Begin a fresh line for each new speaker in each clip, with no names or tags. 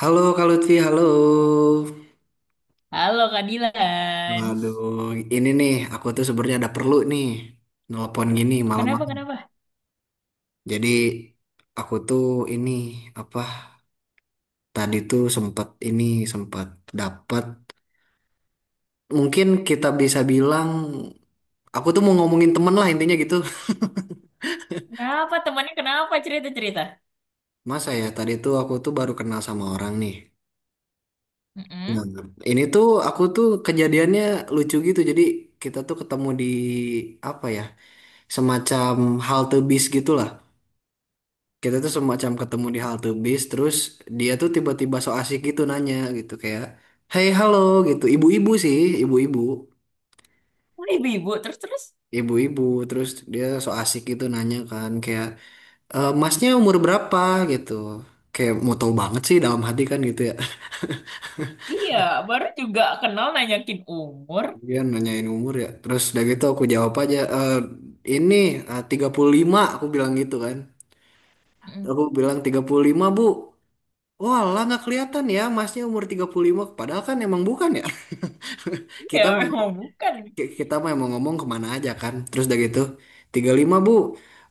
Halo Kak Lutfi, halo.
Halo Kak Dilan.
Waduh, ini nih aku tuh sebenarnya ada perlu nih nelpon gini
Kenapa,
malam-malam.
kenapa?
Jadi aku tuh ini apa tadi tuh sempat ini sempat dapat mungkin kita bisa bilang aku tuh mau ngomongin temen lah intinya gitu.
Kenapa temannya, kenapa cerita-cerita?
Masa ya tadi tuh aku tuh baru kenal sama orang nih. Nah,
Mm-mm.
ini tuh aku tuh kejadiannya lucu gitu. Jadi kita tuh ketemu di apa ya semacam halte bis gitulah. Kita tuh semacam ketemu di halte bis terus dia tuh tiba-tiba so asik gitu nanya gitu kayak hey halo gitu ibu-ibu sih ibu-ibu
Oh, ibu-ibu, terus-terus.
ibu-ibu terus dia so asik gitu nanya kan kayak, "E, masnya umur berapa," gitu, kayak mau tahu banget sih dalam hati kan gitu ya.
Iya, baru juga kenal nanyakin umur.
Dia nanyain umur ya terus udah gitu aku jawab aja, "Eh, ini eh, 35," aku bilang gitu kan.
Mm-mm.
Aku bilang 35 Bu. Wah, lah nggak kelihatan ya masnya umur 35, padahal kan emang bukan ya.
Iya,
Kita mau
emang bukan.
kita mah mau emang ngomong kemana aja kan. Terus udah gitu, 35 Bu.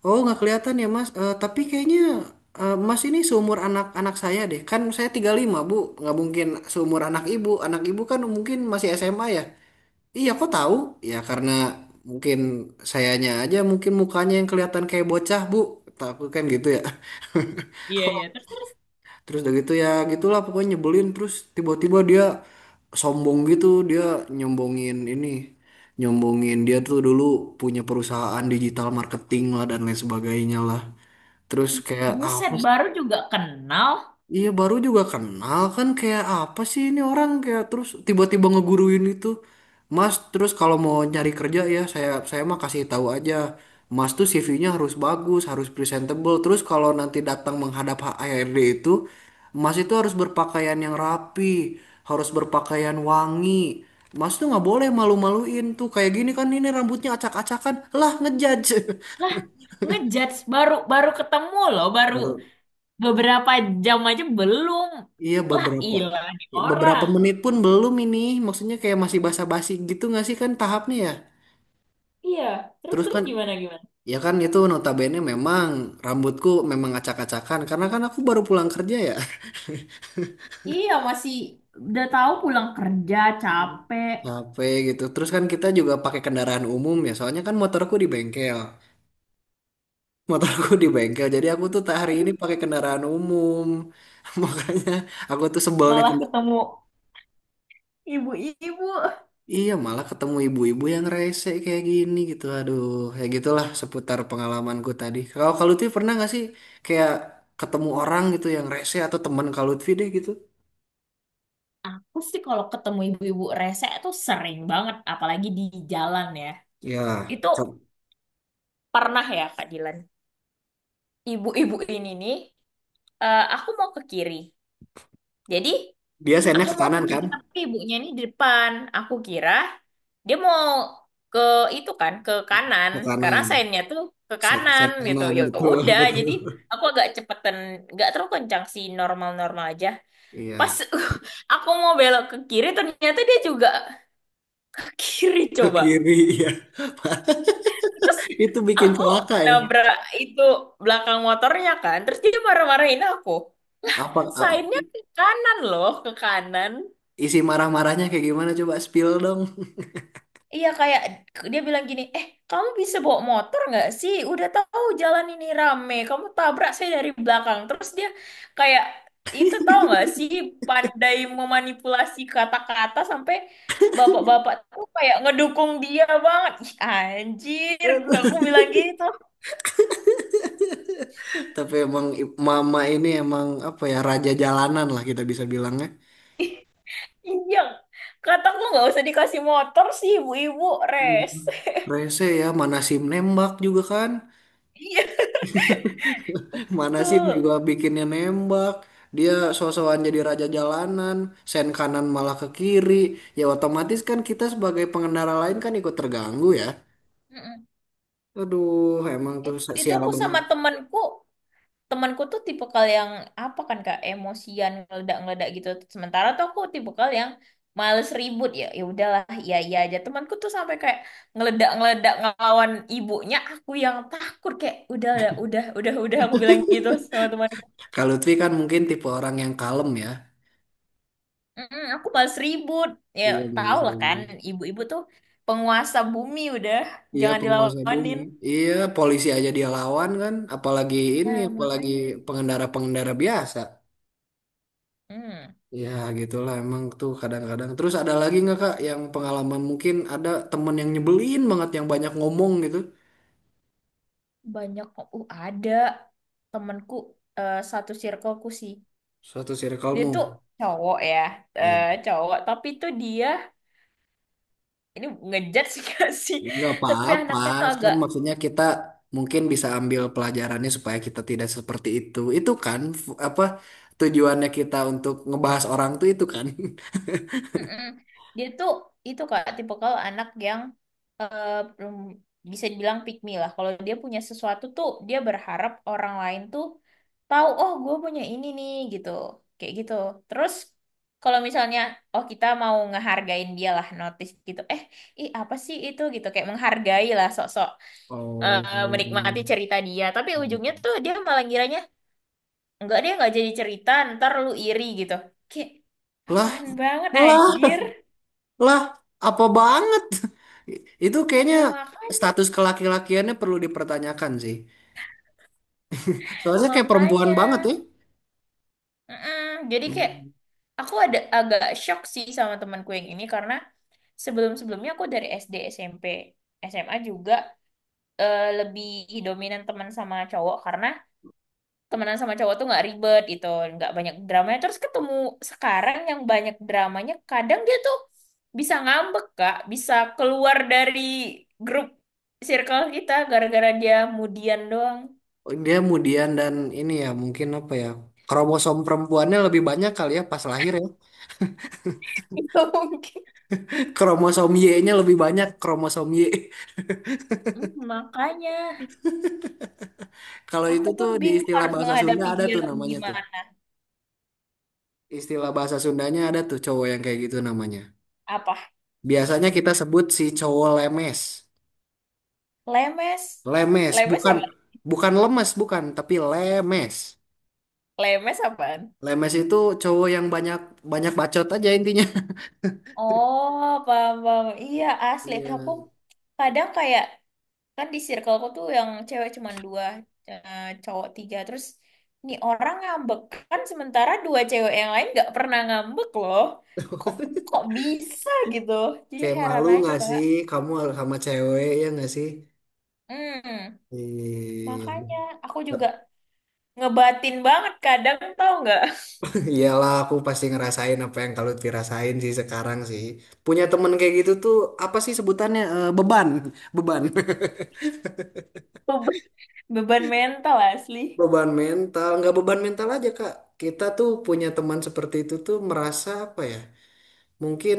Oh, nggak kelihatan ya Mas. Eh, tapi kayaknya eh, Mas ini seumur anak-anak saya deh. Kan saya 35 Bu, nggak mungkin seumur anak Ibu. Anak Ibu kan mungkin masih SMA ya. Iya, kok tahu? Ya karena mungkin sayanya aja mungkin mukanya yang kelihatan kayak bocah Bu. Takut kan gitu ya.
Iya, iya, terus-terus.
Terus udah gitu ya gitulah pokoknya nyebelin terus tiba-tiba dia sombong gitu dia nyombongin ini nyombongin dia tuh dulu punya perusahaan digital marketing lah dan lain sebagainya lah. Terus kayak ah, apa.
Buset, baru juga kenal.
Iya baru juga kenal kan kayak apa sih ini orang kayak terus tiba-tiba ngeguruin itu. Mas terus kalau mau nyari kerja ya saya mah kasih tahu aja. Mas tuh CV-nya harus bagus, harus presentable. Terus kalau nanti datang menghadap HRD itu, Mas itu harus berpakaian yang rapi, harus berpakaian wangi. Mas tuh nggak boleh malu-maluin tuh kayak gini kan ini rambutnya acak-acakan. Lah ngejudge.
Lah, ngejudge baru baru ketemu loh, baru
Baru.
beberapa jam aja belum.
Iya
Lah,
beberapa
ilah nih
beberapa
orang.
menit pun belum ini maksudnya kayak masih
Hmm.
basa-basi gitu nggak sih kan tahapnya ya.
Iya,
Terus
terus-terus,
kan
gimana gimana?
ya kan itu notabene memang rambutku memang acak-acakan karena kan aku baru pulang kerja ya.
Iya, masih udah tahu pulang kerja
Hmm.
capek.
Capek gitu terus kan kita juga pakai kendaraan umum ya soalnya kan motorku di bengkel jadi aku tuh hari ini pakai kendaraan umum. Makanya aku tuh sebelnya
Malah
kendaraan.
ketemu ibu-ibu.
Iya, malah ketemu ibu-ibu yang rese kayak gini gitu. Aduh, kayak gitulah seputar pengalamanku tadi. Kalau Kak Lutfi pernah nggak sih kayak ketemu orang gitu yang rese atau teman Kak Lutfi deh gitu?
Aku sih kalau ketemu ibu-ibu rese tuh sering banget, apalagi di jalan ya.
Ya,
Itu
ke-
pernah ya Kak Dilan, ibu-ibu ini nih, aku mau ke kiri. Jadi
dia sennya
aku
ke
mau ke
kanan
kiri
kan?
tapi ibunya ini di depan, aku kira dia mau ke itu, kan ke kanan,
Ke
karena
kanan.
sainnya tuh ke
Sen,
kanan
sen
gitu
kanan,
ya.
betul,
Udah,
betul.
jadi aku agak cepetan, nggak terlalu kencang sih, normal-normal aja. Pas
Iya,
aku mau belok ke kiri, ternyata dia juga ke kiri
ke
coba.
kiri, iya.
Terus
Itu bikin
aku
celaka ya.
nabrak itu belakang motornya kan. Terus dia marah-marahin aku.
Apa,
Sainnya ke kanan loh, ke kanan.
isi marah-marahnya kayak gimana? Coba spill dong.
Iya kayak dia bilang gini, eh kamu bisa bawa motor nggak sih? Udah tahu jalan ini rame, kamu tabrak saya dari belakang. Terus dia kayak, itu tahu nggak sih, pandai memanipulasi kata-kata sampai bapak-bapak tuh kayak ngedukung dia banget. Ih, anjir, gua- aku bilang gitu.
Tapi emang mama ini emang apa ya raja jalanan lah kita bisa bilangnya.
Iya, kataku nggak usah dikasih motor sih ibu-ibu res.
Hmm. Rese ya, mana sim nembak juga kan.
Iya
Mana sim
tuh.
juga bikinnya nembak. Dia so-soan jadi raja jalanan, sen kanan malah ke kiri. Ya otomatis kan kita sebagai pengendara lain kan ikut terganggu ya.
Mm-mm.
Aduh, emang tuh
It- Itu
sial
aku
banget.
sama temanku, temanku tuh tipikal yang apa kan kak, emosian, ngeledak-ngeledak gitu. Sementara tuh aku tipikal yang males ribut, ya ya udahlah, iya iya aja. Temanku tuh sampai kayak ngeledak-ngeledak ngelawan ibunya, aku yang takut kayak udah aku bilang gitu sama temanku.
Kalau Lutfi kan mungkin tipe orang yang kalem ya.
"Mm, aku males ribut ya,
Iya,
tau
bagus.
lah kan ibu-ibu tuh penguasa bumi, udah
Iya
jangan
penguasa bumi.
dilawanin.
Iya polisi aja dia lawan kan, apalagi ini,
Nah
apalagi
makanya.
pengendara-pengendara biasa.
Hmm,
Ya gitulah emang tuh kadang-kadang. Terus ada lagi nggak Kak yang pengalaman mungkin ada temen yang nyebelin banget yang banyak ngomong gitu.
banyak kok. Ada temanku, satu circleku sih.
Suatu
Dia
circlemu.
tuh cowok ya,
Ya.
cowok. Tapi tuh dia ini ngejudge gak sih?
Nggak
Tapi
apa-apa,
anaknya tuh
kan
agak,
maksudnya kita mungkin bisa ambil pelajarannya supaya kita tidak seperti itu. Itu kan apa tujuannya kita untuk ngebahas orang tuh itu kan.
mm-mm. Dia tuh itu kak, tipe kalau anak yang eh, belum- bisa dibilang pick me lah. Kalau dia punya sesuatu tuh dia berharap orang lain tuh tahu, oh gue punya ini nih gitu, kayak gitu. Terus kalau misalnya, oh kita mau ngehargain dia lah, notice gitu. Eh, ih apa sih itu gitu, kayak menghargai lah sok,
Oh.
menikmati cerita dia, tapi ujungnya tuh dia malah ngiranya enggak, dia nggak jadi cerita, ntar lu iri gitu, kayak
Lah,
apaan banget
lah.
anjir.
Lah, apa banget? Itu kayaknya
Nah makanya,
status kelaki-lakiannya perlu dipertanyakan sih. Soalnya kayak perempuan
makanya
banget ya.
mm-mm. Jadi kayak
Hmm.
aku ada agak shock sih sama temanku yang ini, karena sebelum-sebelumnya aku dari SD SMP SMA juga, lebih dominan teman sama cowok karena temenan sama cowok tuh nggak ribet gitu, nggak banyak dramanya. Terus ketemu sekarang yang banyak dramanya, kadang dia tuh bisa ngambek kak, bisa keluar dari grup circle kita gara-gara dia mudian doang.
Dia kemudian dan ini ya mungkin apa ya? Kromosom perempuannya lebih banyak kali ya pas lahir ya.
Itu mungkin.
Kromosom Y-nya lebih banyak kromosom Y.
Hmm, makanya
Kalau itu
aku
tuh
pun
di
bingung
istilah
harus
bahasa Sunda
menghadapi
ada
dia
tuh namanya tuh.
gimana.
Istilah bahasa Sundanya ada tuh cowok yang kayak gitu namanya.
Apa
Biasanya kita sebut si cowok lemes.
lemes,
Lemes,
lemes
bukan
apa,
bukan lemes, bukan, tapi lemes.
lemes apaan.
Lemes itu cowok yang banyak banyak bacot aja intinya.
Oh paham, paham. Iya asli,
Iya.
aku kadang kayak, kan di circleku tuh yang cewek cuman dua, cowok tiga. Terus nih orang ngambek kan, sementara dua cewek yang lain nggak pernah ngambek loh. Kok, kok bisa gitu, jadi
Kayak
heran
malu
aja
nggak
kak.
sih kamu sama cewek ya nggak sih?
Hmm
Ih,
makanya, aku juga ngebatin banget kadang, tau nggak.
iyalah aku pasti ngerasain apa yang kalau dirasain sih sekarang sih. Punya temen kayak gitu tuh apa sih sebutannya? Eh, beban, beban.
Beban, beban mental asli.
Beban mental, nggak beban mental aja Kak. Kita tuh punya teman seperti itu tuh merasa apa ya? Mungkin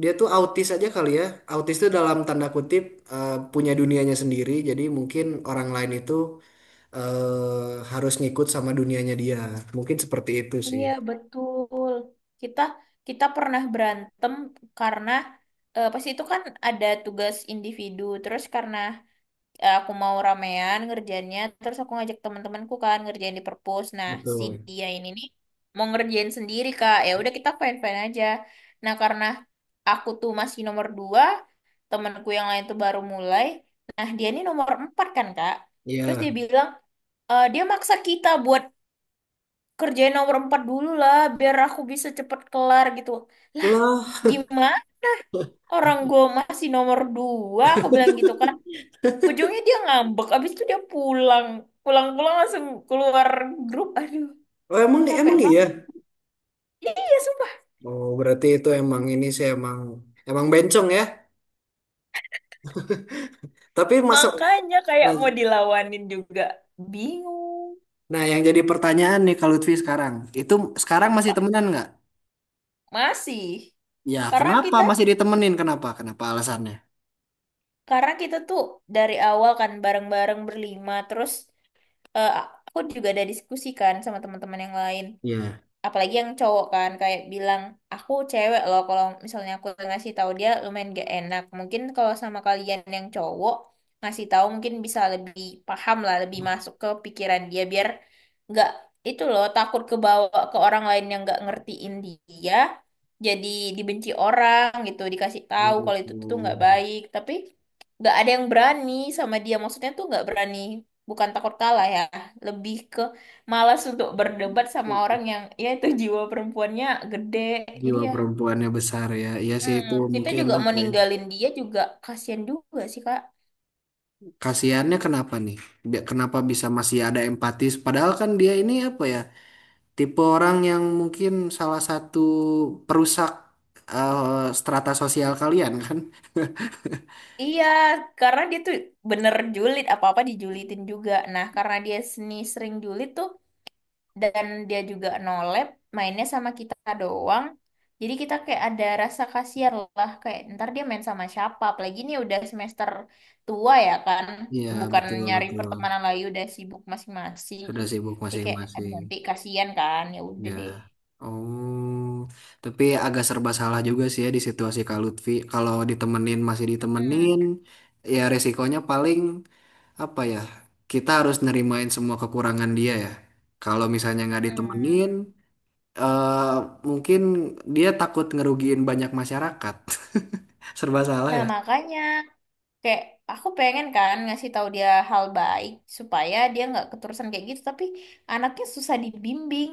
dia tuh autis aja kali ya. Autis tuh dalam tanda kutip eh, punya dunianya sendiri. Jadi mungkin orang lain itu eh, harus ngikut sama dunianya dia. Mungkin seperti itu sih.
Iya, betul. Kita, kita pernah berantem karena pas itu kan ada tugas individu. Terus karena aku mau ramean ngerjainnya, terus aku ngajak teman-temanku kan ngerjain di perpus. Nah si
Betul.
dia ini nih mau ngerjain sendiri kak, ya udah kita fine fine aja. Nah karena aku tuh masih nomor dua, temanku yang lain tuh baru mulai, nah dia ini nomor empat kan kak. Terus
Iya.
dia bilang, e, dia maksa kita buat kerjain nomor empat dulu lah biar aku bisa cepet kelar gitu. Lah
Lah,
gimana, orang gue masih nomor dua aku bilang gitu kan. Ujungnya dia ngambek, abis itu dia pulang. Pulang-pulang langsung keluar grup. Aduh,
oh, emang
capek
emang
banget.
iya.
Iya, sumpah.
Oh, berarti itu emang ini sih emang emang bencong ya. Tapi masuk
Makanya kayak
nah,
mau dilawanin juga. Bingung.
nah, yang jadi pertanyaan nih kalau Lutfi sekarang, itu sekarang masih
Apa?
temenan nggak?
Masih.
Ya,
Karena
kenapa
kita,
masih ditemenin? Kenapa? Kenapa alasannya?
karena kita tuh dari awal kan bareng-bareng berlima. Terus eh, aku juga ada diskusi kan sama teman-teman yang lain.
Iya.
Apalagi yang cowok, kan kayak bilang, aku cewek loh, kalau misalnya aku ngasih tahu dia lumayan gak enak, mungkin kalau sama kalian yang cowok ngasih tahu mungkin bisa lebih paham lah, lebih masuk ke pikiran dia, biar nggak itu loh, takut kebawa ke orang lain yang nggak ngertiin dia, jadi dibenci orang gitu. Dikasih tahu kalau itu tuh nggak
Oh.
baik, tapi nggak ada yang berani sama dia, maksudnya tuh nggak berani, bukan takut kalah ya, lebih ke malas untuk berdebat sama orang yang ya itu, jiwa perempuannya gede. Jadi
Jiwa
ya,
perempuannya besar ya. Iya sih
hmm,
itu
kita
mungkin
juga mau
apa ya?
ninggalin dia juga kasihan juga sih kak.
Kasihannya kenapa nih? Kenapa bisa masih ada empatis? Padahal kan dia ini apa ya? Tipe orang yang mungkin salah satu perusak eh, strata sosial kalian kan?
Iya karena dia tuh bener julid, apa apa dijulitin juga. Nah karena dia seni sering julid tuh, dan dia juga no lab, mainnya sama kita doang, jadi kita kayak ada rasa kasihan lah, kayak ntar dia main sama siapa, apalagi ini udah semester tua ya kan,
Iya
bukan
betul
nyari
betul.
pertemanan lagi, udah sibuk masing-masing.
Sudah sibuk
Dia kayak aduh
masing-masing.
nanti kasihan, kan ya udah
Ya.
deh.
Oh, tapi agak serba salah juga sih ya di situasi Kak Lutfi. Kalau ditemenin masih
Mm-mm,
ditemenin, ya resikonya paling apa ya kita harus nerimain semua kekurangan dia ya kalau misalnya nggak
mm-mm.
ditemenin eh mungkin dia takut ngerugiin banyak masyarakat. Serba salah
Nah
ya.
makanya kayak aku pengen kan ngasih tahu dia hal baik supaya dia nggak keterusan kayak gitu, tapi anaknya susah dibimbing.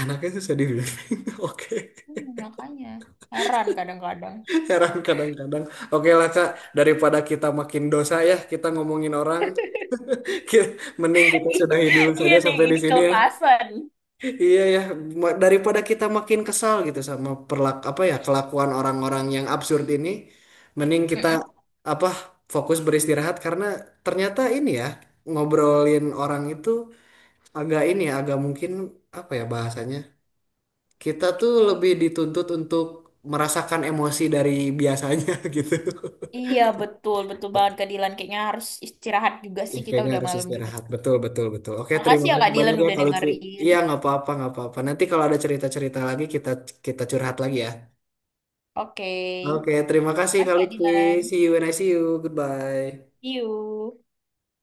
Anaknya susah dibimbing. Oke,
Hmm, makanya heran kadang-kadang.
heran kadang-kadang. Oke lah Kak, daripada kita makin dosa ya, kita ngomongin orang, ki- mending kita sudahi dulu
Iya
saja
nih,
sampai di
ini
sini ya.
kelepasan.
Iya ya, daripada kita makin kesal gitu sama perlak apa ya kelakuan orang-orang yang absurd ini, mending kita
Mm-mm.
apa fokus beristirahat karena ternyata ini ya ngobrolin orang itu agak ini ya agak mungkin apa ya bahasanya kita tuh lebih dituntut untuk merasakan emosi dari biasanya gitu.
Iya, betul, betul banget Kak Dilan. Kayaknya harus istirahat juga
Ya,
sih, kita
kayaknya
udah
harus
malam juga.
istirahat. Betul, betul, betul. Oke, terima
Makasih ya
kasih
Kak
banyak
Dilan
ya
udah
Kak Lutfi.
dengerin.
Iya, nggak apa-apa, nggak apa-apa. Nanti kalau ada cerita-cerita lagi kita kita curhat lagi ya.
Oke,
Oke, terima kasih Kak
makasih Kak
Lutfi.
Dilan.
See you when I see you. Goodbye.
See you.